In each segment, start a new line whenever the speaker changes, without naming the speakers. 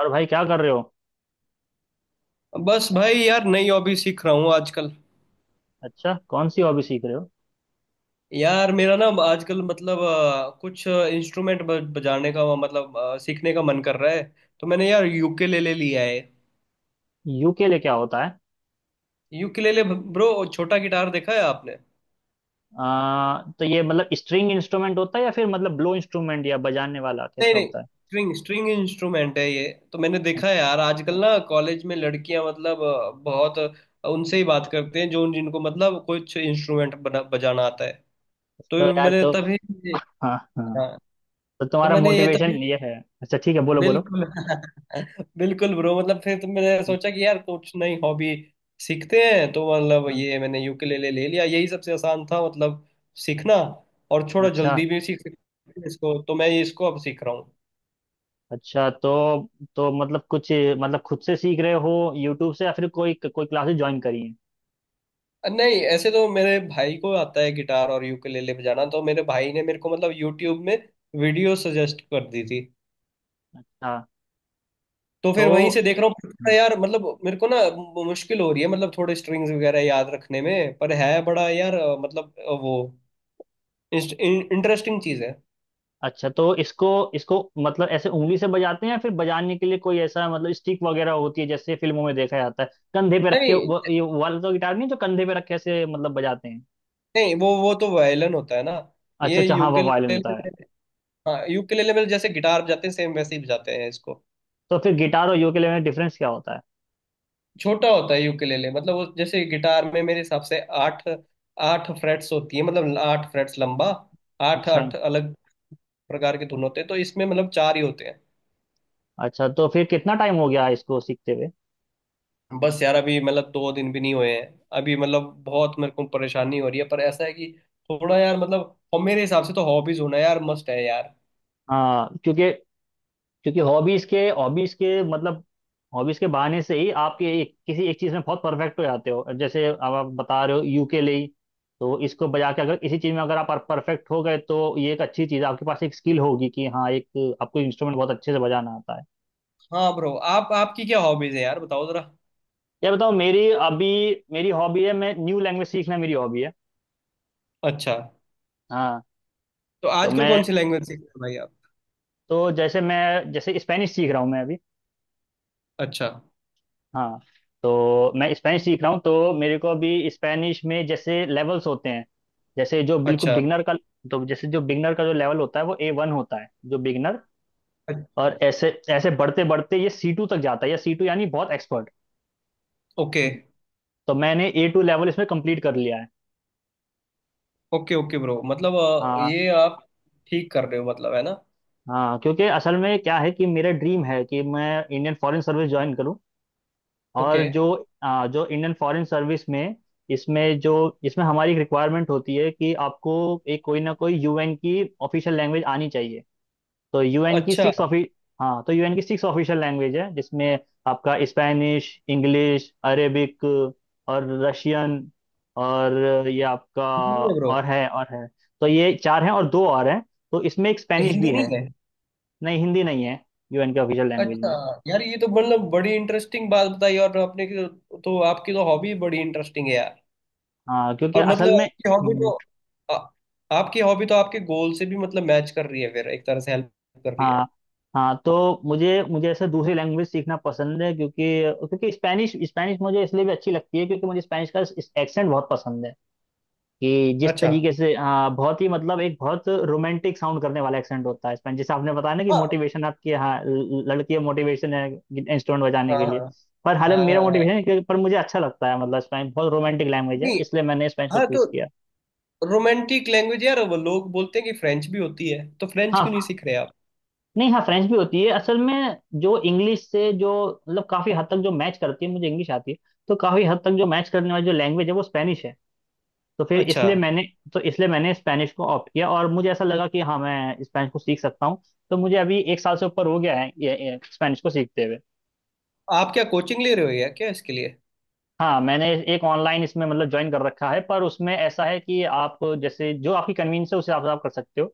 और भाई क्या कर रहे हो।
बस भाई यार नई हॉबी सीख रहा हूँ आजकल।
अच्छा कौन सी हॉबी सीख रहे हो।
यार मेरा ना आजकल मतलब कुछ इंस्ट्रूमेंट बजाने का मतलब सीखने का मन कर रहा है। तो मैंने यार यूकेलेले लिया है।
यूकेले क्या होता है।
Ukulele bro. छोटा गिटार देखा है आपने?
तो ये मतलब स्ट्रिंग इंस्ट्रूमेंट होता है या फिर मतलब ब्लो इंस्ट्रूमेंट या बजाने वाला
नहीं
कैसा
नहीं।
होता है।
स्ट्रिंग स्ट्रिंग इंस्ट्रूमेंट है ये। तो मैंने देखा है
अच्छा।
यार, आजकल ना कॉलेज में लड़कियां मतलब बहुत उनसे ही बात करते हैं जो जिनको मतलब कुछ इंस्ट्रूमेंट बना बजाना आता है।
तो
तो
यार
मैंने
तो
तभी।
हाँ हाँ।
हाँ।
तो
तो
तुम्हारा
मैंने ये
मोटिवेशन
तभी।
ये है। अच्छा ठीक है, बोलो बोलो।
बिल्कुल बिल्कुल ब्रो। मतलब फिर तो मैंने
हाँ।
सोचा कि यार कुछ नई हॉबी सीखते हैं, तो मतलब
हाँ।
ये मैंने यूकेलेले ले लिया। यही सबसे आसान था मतलब सीखना। और थोड़ा
अच्छा
जल्दी भी सीख सकते हैं इसको, तो मैं इसको अब सीख रहा हूँ।
अच्छा। तो मतलब कुछ मतलब खुद से सीख रहे हो, यूट्यूब से, या फिर कोई कोई क्लासेस ज्वाइन करी है।
नहीं, ऐसे तो मेरे भाई को आता है गिटार और यूकेलेले बजाना, तो मेरे भाई ने मेरे को मतलब यूट्यूब में वीडियो सजेस्ट कर दी थी।
हाँ।
तो फिर
तो
वहीं से देख रहा हूँ, पर थोड़ा यार मतलब मेरे को ना मुश्किल हो रही है मतलब थोड़े स्ट्रिंग्स वगैरह याद रखने में। पर है बड़ा यार मतलब वो इंटरेस्टिंग चीज है।
अच्छा, तो इसको इसको मतलब ऐसे उंगली से बजाते हैं या फिर बजाने के लिए कोई ऐसा मतलब स्टिक वगैरह होती है, जैसे फिल्मों में देखा जाता है कंधे पे रख के,
नहीं
वो ये वो वाला तो गिटार नहीं जो कंधे पे रख के ऐसे मतलब बजाते हैं।
नहीं, वो तो वायलिन होता है ना।
अच्छा
ये
अच्छा, हाँ वो वायलिन
यूकेलेले
होता है।
में, हाँ, यूकेलेले में जैसे गिटार बजाते हैं सेम वैसे ही बजाते हैं इसको।
तो फिर गिटार और यूकेलेले में डिफरेंस क्या होता है।
छोटा होता है यूकेलेले। मतलब वो जैसे गिटार में मेरे हिसाब से आठ आठ फ्रेट्स होती है, मतलब आठ फ्रेट्स लंबा, आठ
अच्छा।
आठ अलग प्रकार के धुन होते हैं। तो इसमें मतलब चार ही होते हैं।
अच्छा तो फिर कितना टाइम हो गया इसको सीखते हुए।
बस यार अभी मतलब 2 दिन भी नहीं हुए हैं। अभी मतलब बहुत मेरे को परेशानी हो रही है, पर ऐसा है कि थोड़ा यार मतलब, और मेरे हिसाब से तो हॉबीज होना यार मस्ट है यार।
हाँ क्योंकि, क्योंकि हॉबीज के बहाने से ही आप ये एक, किसी एक चीज में बहुत परफेक्ट हो जाते हो, जैसे अब आप बता रहे हो यूकेले ही, तो इसको बजा के अगर इसी चीज में अगर आप परफेक्ट हो गए तो ये एक अच्छी चीज है, आपके पास एक स्किल होगी कि हाँ एक आपको इंस्ट्रूमेंट बहुत अच्छे से बजाना आता है।
हाँ ब्रो, आप आपकी क्या हॉबीज है यार, बताओ जरा।
ये बताओ मेरी अभी मेरी हॉबी है, मैं न्यू लैंग्वेज सीखना मेरी हॉबी है।
अच्छा,
हाँ।
तो
तो
आजकल
मैं
कौन सी लैंग्वेज सीख रहे हो भाई आप?
तो जैसे मैं जैसे स्पेनिश सीख रहा हूँ मैं अभी।
अच्छा
हाँ। तो मैं स्पेनिश सीख रहा हूँ, तो मेरे को अभी स्पेनिश में जैसे लेवल्स होते हैं, जैसे जो बिल्कुल
अच्छा।
बिगनर का, तो जैसे जो बिगनर का जो लेवल होता है वो ए वन होता है जो बिगनर, और ऐसे ऐसे बढ़ते बढ़ते ये सी टू तक जाता है, या सी टू यानी बहुत एक्सपर्ट।
ओके
तो मैंने ए टू लेवल इसमें कंप्लीट कर लिया है।
ओके ओके ब्रो, मतलब
हाँ।
ये आप ठीक कर रहे हो मतलब, है ना?
हाँ क्योंकि असल में क्या है कि मेरा ड्रीम है कि मैं इंडियन फॉरेन सर्विस ज्वाइन करूँ, और
ओके।
जो आ, जो इंडियन फॉरेन सर्विस में, इसमें जो इसमें हमारी एक रिक्वायरमेंट होती है कि आपको एक कोई ना कोई यूएन की ऑफिशियल लैंग्वेज आनी चाहिए। तो यूएन की
अच्छा।
सिक्स ऑफि हाँ, तो यूएन की सिक्स ऑफिशियल लैंग्वेज है जिसमें आपका स्पेनिश, इंग्लिश, अरेबिक और रशियन, और ये आपका,
हिंदी है ब्रो।
और है, तो ये चार हैं और दो और हैं, तो इसमें एक स्पेनिश
हिंदी
भी
नहीं
है।
है।
नहीं, हिंदी नहीं है यूएन के ऑफिशियल लैंग्वेज
अच्छा।
में।
यार ये तो मतलब बड़ी इंटरेस्टिंग बात बताई और आपने की तो आपकी तो हॉबी बड़ी इंटरेस्टिंग है यार।
हाँ क्योंकि
और मतलब
असल में
आ, आपकी हॉबी तो आपके गोल से भी मतलब मैच कर रही है, फिर एक तरह से हेल्प कर रही है।
हाँ। हाँ तो मुझे मुझे ऐसे दूसरी लैंग्वेज सीखना पसंद है, क्योंकि क्योंकि स्पेनिश स्पेनिश मुझे इसलिए भी अच्छी लगती है क्योंकि मुझे स्पेनिश का एक्सेंट बहुत पसंद है, कि जिस
अच्छा।
तरीके से हाँ, बहुत ही मतलब एक बहुत रोमांटिक साउंड करने वाला एक्सेंट होता है स्पेनिश। जैसे आपने बताया ना कि
हाँ
मोटिवेशन आपकी हाँ लड़की मोटिवेशन है इंस्ट्रूमेंट बजाने के
हाँ
लिए। पर
हाँ
हालांकि मेरा
हाँ।
मोटिवेशन है कि- पर मुझे अच्छा लगता है मतलब स्पेनिश बहुत रोमांटिक लैंग्वेज है,
नहीं।
इसलिए मैंने स्पेनिश को
हाँ तो,
चूज किया।
रोमांटिक लैंग्वेज यार, वो लोग बोलते हैं कि फ्रेंच भी होती है, तो फ्रेंच क्यों नहीं
हाँ
सीख रहे आप?
नहीं, हाँ फ्रेंच भी होती है, असल में जो इंग्लिश से जो मतलब काफी हद तक जो मैच करती है, मुझे इंग्लिश आती है, तो काफी हद तक जो मैच करने वाली जो लैंग्वेज है वो स्पेनिश है। तो फिर
अच्छा।
इसलिए मैंने तो इसलिए मैंने स्पेनिश को ऑप्ट किया, और मुझे ऐसा लगा कि हाँ मैं स्पेनिश को सीख सकता हूँ। तो मुझे अभी एक साल से ऊपर हो गया है ये स्पेनिश को सीखते हुए।
आप क्या कोचिंग ले रहे हो या क्या इसके लिए?
हाँ मैंने एक ऑनलाइन इसमें मतलब ज्वाइन कर रखा है, पर उसमें ऐसा है कि आप जैसे जो आपकी कन्वीनियंस है उसे आप कर सकते हो।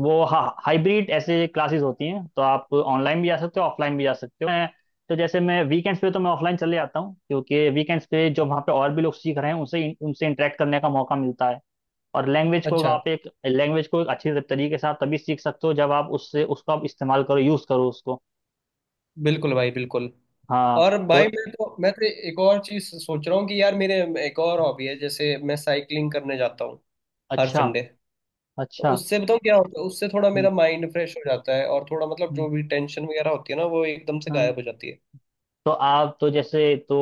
वो हाँ, हाइब्रिड ऐसे क्लासेस होती हैं, तो आप ऑनलाइन भी जा सकते हो ऑफलाइन भी जा सकते हो। मैं तो जैसे मैं वीकेंड्स पे तो मैं ऑफलाइन चले जाता हूँ, क्योंकि वीकेंड्स पे जो वहाँ पे और भी लोग सीख रहे हैं उनसे उनसे इंटरेक्ट करने का मौका मिलता है। और लैंग्वेज को
अच्छा।
आप एक लैंग्वेज को एक अच्छी तरीके से आप तभी सीख सकते हो जब आप उससे उसको आप इस्तेमाल करो, यूज़ करो उसको।
बिल्कुल भाई बिल्कुल।
हाँ
और
तो
भाई मैं तो एक और चीज सोच रहा हूँ कि यार, मेरे एक और हॉबी है, जैसे मैं साइकिलिंग करने जाता हूँ हर
अच्छा
संडे। तो
अच्छा।
उससे बताऊँ क्या होता है, उससे थोड़ा
हम्म,
मेरा माइंड फ्रेश हो जाता है, और थोड़ा मतलब
हम्म,
जो भी टेंशन वगैरह होती है ना, वो एकदम से गायब
हाँ।
हो जाती है।
तो आप तो जैसे तो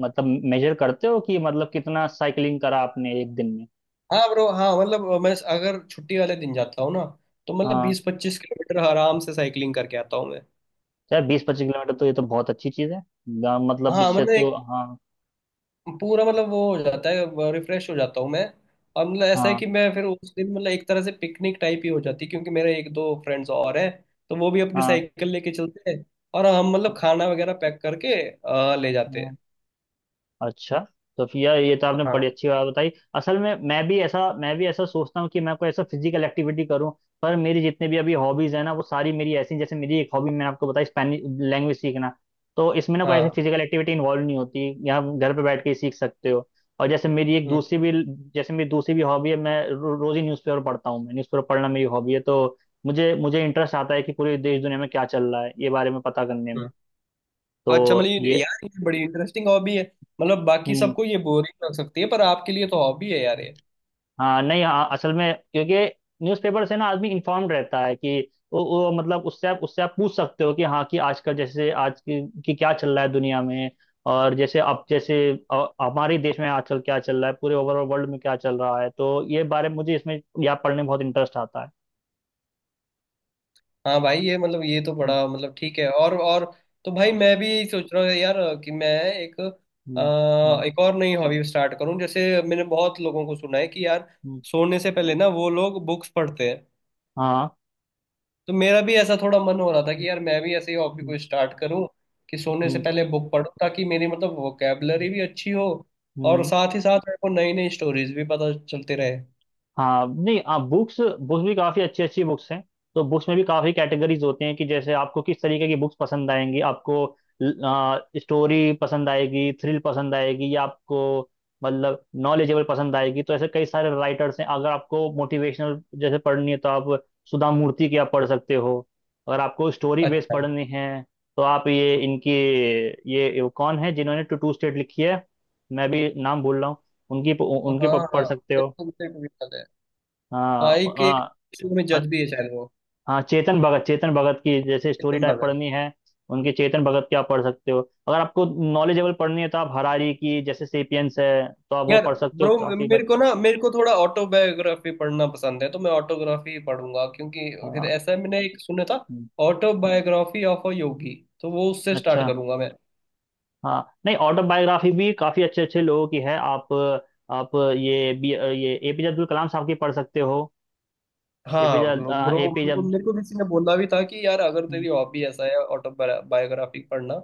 मतलब मेजर करते हो कि मतलब कितना साइकिलिंग करा आपने एक दिन में।
हाँ ब्रो, हाँ मतलब मैं अगर छुट्टी वाले दिन जाता हूँ ना, तो मतलब
हाँ,
20-25 किलोमीटर आराम से साइकिलिंग करके आता हूँ मैं।
चाहे बीस पच्चीस किलोमीटर तो ये तो बहुत अच्छी चीज़ है, मतलब
हाँ
इससे
मतलब
तो
एक
हाँ।
पूरा मतलब वो हो जाता है, रिफ्रेश हो जाता हूँ मैं। और मतलब ऐसा है
हाँ।
कि मैं फिर उस दिन मतलब एक तरह से पिकनिक टाइप ही हो जाती है, क्योंकि मेरे एक दो फ्रेंड्स और हैं। तो वो भी अपनी
हाँ।
साइकिल लेके चलते हैं, और हम मतलब खाना वगैरह पैक करके ले जाते
हाँ।
हैं।
अच्छा, तो फिर यार ये तो आपने
हाँ
बड़ी अच्छी बात बताई, असल में मैं भी ऐसा सोचता हूँ कि मैं कोई ऐसा फिजिकल एक्टिविटी करूँ, पर मेरी जितने भी अभी हॉबीज है ना वो सारी मेरी ऐसी हैं, जैसे मेरी एक हॉबी मैंने आपको बताई स्पेनिश लैंग्वेज सीखना, तो इसमें ना कोई ऐसी
हाँ।
फिजिकल एक्टिविटी इन्वॉल्व नहीं होती, या आप घर पे बैठ के ही सीख सकते हो। और जैसे मेरी एक
हम्म,
दूसरी भी जैसे मेरी दूसरी भी हॉबी है, मैं रोज ही न्यूज़पेपर पढ़ता हूँ, मैं न्यूज़पेपर पढ़ना मेरी हॉबी है। तो मुझे मुझे इंटरेस्ट आता है कि पूरे देश दुनिया में क्या चल रहा है ये बारे में पता करने में।
हम्म। अच्छा मतलब
तो ये
यार ये बड़ी इंटरेस्टिंग हॉबी है, मतलब बाकी
हम्म
सबको ये बोरिंग लग सकती है, पर आपके लिए तो हॉबी है यार ये।
हाँ, नहीं हाँ असल में क्योंकि न्यूज़पेपर से ना आदमी इन्फॉर्म्ड रहता है कि वो मतलब उससे आप पूछ सकते हो कि हाँ कि आजकल जैसे आज की क्या चल रहा है दुनिया में, और जैसे अब जैसे हमारे देश में आजकल क्या चल रहा है, पूरे ओवरऑल वर्ल्ड में क्या चल रहा है, तो ये बारे में मुझे इसमें या पढ़ने में बहुत इंटरेस्ट आता है।
हाँ भाई, ये मतलब ये तो
हम्म,
बड़ा मतलब ठीक है। और तो भाई
हाँ।
मैं भी यही सोच रहा हूँ यार, कि मैं
हम्म, हम्म,
एक और नई हॉबी स्टार्ट करूँ, जैसे मैंने बहुत लोगों को सुना है कि यार
हम्म,
सोने से पहले ना वो लोग बुक्स पढ़ते हैं।
हाँ।
तो मेरा भी ऐसा थोड़ा मन हो रहा था
हम्म,
कि यार मैं भी ऐसे ही हॉबी को स्टार्ट करूँ, कि सोने से
हम्म,
पहले बुक पढूं, ताकि मेरी मतलब वोकेबलरी भी अच्छी हो, और
हम्म,
साथ ही साथ मेरे को नई नई स्टोरीज भी पता चलते रहे।
हाँ नहीं, आप बुक्स बुक्स भी काफ़ी अच्छी अच्छी बुक्स हैं, तो बुक्स में भी काफ़ी कैटेगरीज होते हैं कि जैसे आपको किस तरीके की बुक्स पसंद आएंगी, आपको स्टोरी पसंद आएगी, थ्रिल पसंद आएगी, या आपको मतलब नॉलेजेबल पसंद आएगी। तो ऐसे कई सारे राइटर्स हैं, अगर आपको मोटिवेशनल जैसे पढ़नी है तो आप सुधा मूर्ति की आप पढ़ सकते हो। अगर आपको स्टोरी बेस्ड
अच्छा।
पढ़नी है तो आप ये इनकी, ये कौन है जिन्होंने टू टू स्टेट लिखी है, मैं भी नाम भूल रहा हूँ,
हाँ हाँ।
पढ़ सकते हो।
बिल्कुल बिल्कुल बिल्कुल है।
हाँ
हाँ एक
हाँ।
एक में
अ-
जज भी है शायद वो।
हाँ चेतन भगत, चेतन भगत की जैसे स्टोरी
एकदम
टाइप
भगत।
पढ़नी है उनके चेतन भगत की आप पढ़ सकते हो। अगर आपको नॉलेजेबल पढ़नी है तो आप हरारी की जैसे सेपियंस है तो आप वो
यार
पढ़ सकते हो
ब्रो,
काफी, बट
मेरे को थोड़ा ऑटोबायोग्राफी पढ़ना पसंद है, तो मैं ऑटोग्राफी ही पढ़ूंगा। क्योंकि फिर
हाँ।
ऐसा मैंने एक सुना था,
हम्म,
ऑटोबायोग्राफी ऑफ अ योगी, तो वो उससे स्टार्ट
अच्छा।
करूंगा मैं।
हाँ नहीं, ऑटोबायोग्राफी भी काफी अच्छे अच्छे लोगों की है, आप ये एपीजे अब्दुल कलाम साहब की पढ़ सकते हो।
हाँ
एपीजे
ब्रो ब्रो, मेरे
एपीजे
को मेरे को किसी ने बोला भी था कि यार अगर
हम्म
तेरी हॉबी ऐसा है ऑटोबायोग्राफी पढ़ना,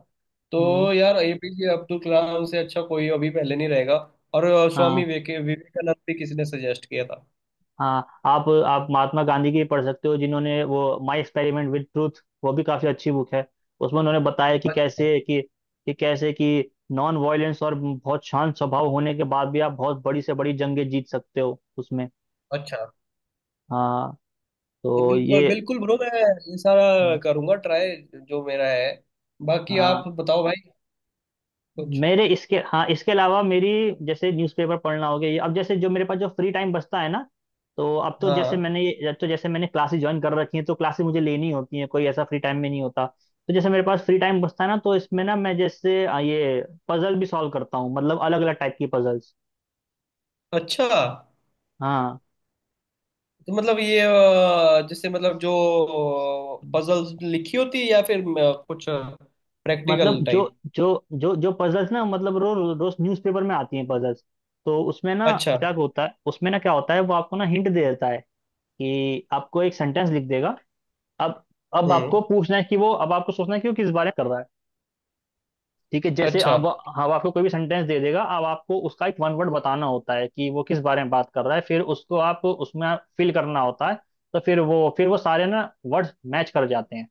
हम्म,
तो यार एपीजे अब्दुल कलाम से अच्छा कोई अभी पहले नहीं रहेगा। और
हाँ।
स्वामी विवेकानंद भी किसी ने सजेस्ट किया था।
हाँ आप महात्मा गांधी की पढ़ सकते हो, जिन्होंने वो माई एक्सपेरिमेंट विद ट्रूथ, वो भी काफी अच्छी बुक है। उसमें उन्होंने बताया कि कैसे कि कैसे कि नॉन वायलेंस और बहुत शांत स्वभाव होने के बाद भी आप बहुत बड़ी से बड़ी जंगें जीत सकते हो उसमें।
अच्छा।
हाँ
तो
तो
बिल्कुल
ये
बिल्कुल ब्रो, मैं ये सारा करूंगा ट्राई, जो मेरा है। बाकी आप
हाँ।
बताओ भाई कुछ।
मेरे इसके हाँ इसके अलावा मेरी जैसे न्यूज़पेपर पढ़ना हो गया ये, अब जैसे जो मेरे पास जो फ्री टाइम बचता है ना, तो
हाँ हाँ।
अब तो जैसे मैंने क्लासेस ज्वाइन कर रखी हैं तो क्लासेस मुझे लेनी होती हैं, कोई ऐसा फ्री टाइम में नहीं होता। तो जैसे मेरे पास फ्री टाइम बचता है ना तो इसमें ना मैं जैसे ये पजल भी सॉल्व करता हूँ, मतलब अलग अलग टाइप की पजल्स।
अच्छा,
हाँ
तो मतलब ये जैसे मतलब जो पजल्स लिखी होती है, या फिर कुछ प्रैक्टिकल
मतलब जो,
टाइप?
जो पजल्स ना, मतलब रो, रो, रोज न्यूज़पेपर में आती हैं पजल्स, तो उसमें ना
अच्छा।
क्या होता है, उसमें ना क्या होता है वो आपको ना हिंट दे देता है कि आपको एक सेंटेंस लिख देगा, अब अब
हम्म।
आपको पूछना है कि वो अब आपको सोचना है कि वो किस बारे में कर रहा है। ठीक है, जैसे
अच्छा।
अब आपको कोई भी सेंटेंस दे देगा, अब आपको उसका एक वन वर्ड बताना होता है कि वो किस बारे में बात कर रहा है, फिर उसको आप उसमें फिल करना होता है, तो फिर वो सारे ना वर्ड्स मैच कर जाते हैं।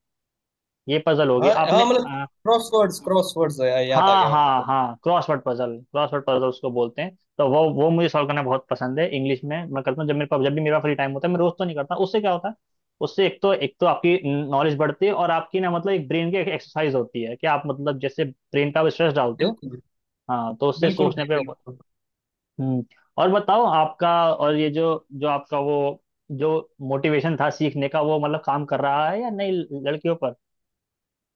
ये पजल होगी
हाँ हाँ,
आपने।
मतलब क्रॉसवर्ड्स क्रॉसवर्ड्स, याद आ
हाँ
गया मेरे
हाँ
को।
हाँ, क्रॉसवर्ड पजल उसको बोलते हैं, तो वो मुझे सॉल्व करना बहुत पसंद है, इंग्लिश में मैं करता हूँ, जब मेरे पास जब भी मेरा फ्री टाइम होता है, मैं रोज तो नहीं करता। उससे क्या होता है, उससे एक तो आपकी नॉलेज बढ़ती है, और आपकी ना मतलब एक ब्रेन की एक एक्सरसाइज होती है कि आप मतलब जैसे ब्रेन पे आप स्ट्रेस डालते हो।
बिल्कुल
हाँ, तो उससे
बिल्कुल
सोचने
भाई
पे
बिल्कुल।
हम्म और बताओ आपका, और ये जो जो आपका वो जो मोटिवेशन था सीखने का वो मतलब काम कर रहा है या नहीं, लड़कियों पर।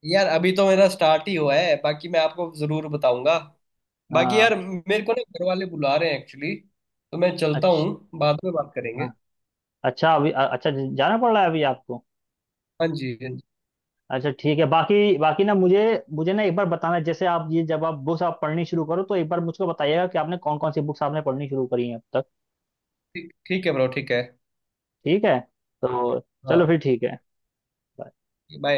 यार अभी तो मेरा स्टार्ट ही हुआ है, बाकी मैं आपको जरूर बताऊंगा। बाकी यार
हाँ।
मेरे को ना घर वाले बुला रहे हैं एक्चुअली, तो मैं चलता
अच्छा।
हूँ, बाद में बात करेंगे।
हाँ। अच्छा अभी, अच्छा जाना पड़ रहा है अभी आपको।
हाँ जी। हाँ जी।
अच्छा ठीक है, बाकी बाकी ना मुझे मुझे ना एक बार बताना, जैसे आप ये जब आप बुक्स आप पढ़नी शुरू करो तो एक बार मुझको बताइएगा कि आपने कौन कौन सी बुक्स आपने पढ़नी शुरू करी हैं अब तक।
ठीक ठीक है ब्रो। ठीक है।
ठीक है, तो चलो
हाँ।
फिर ठीक है।
बाय।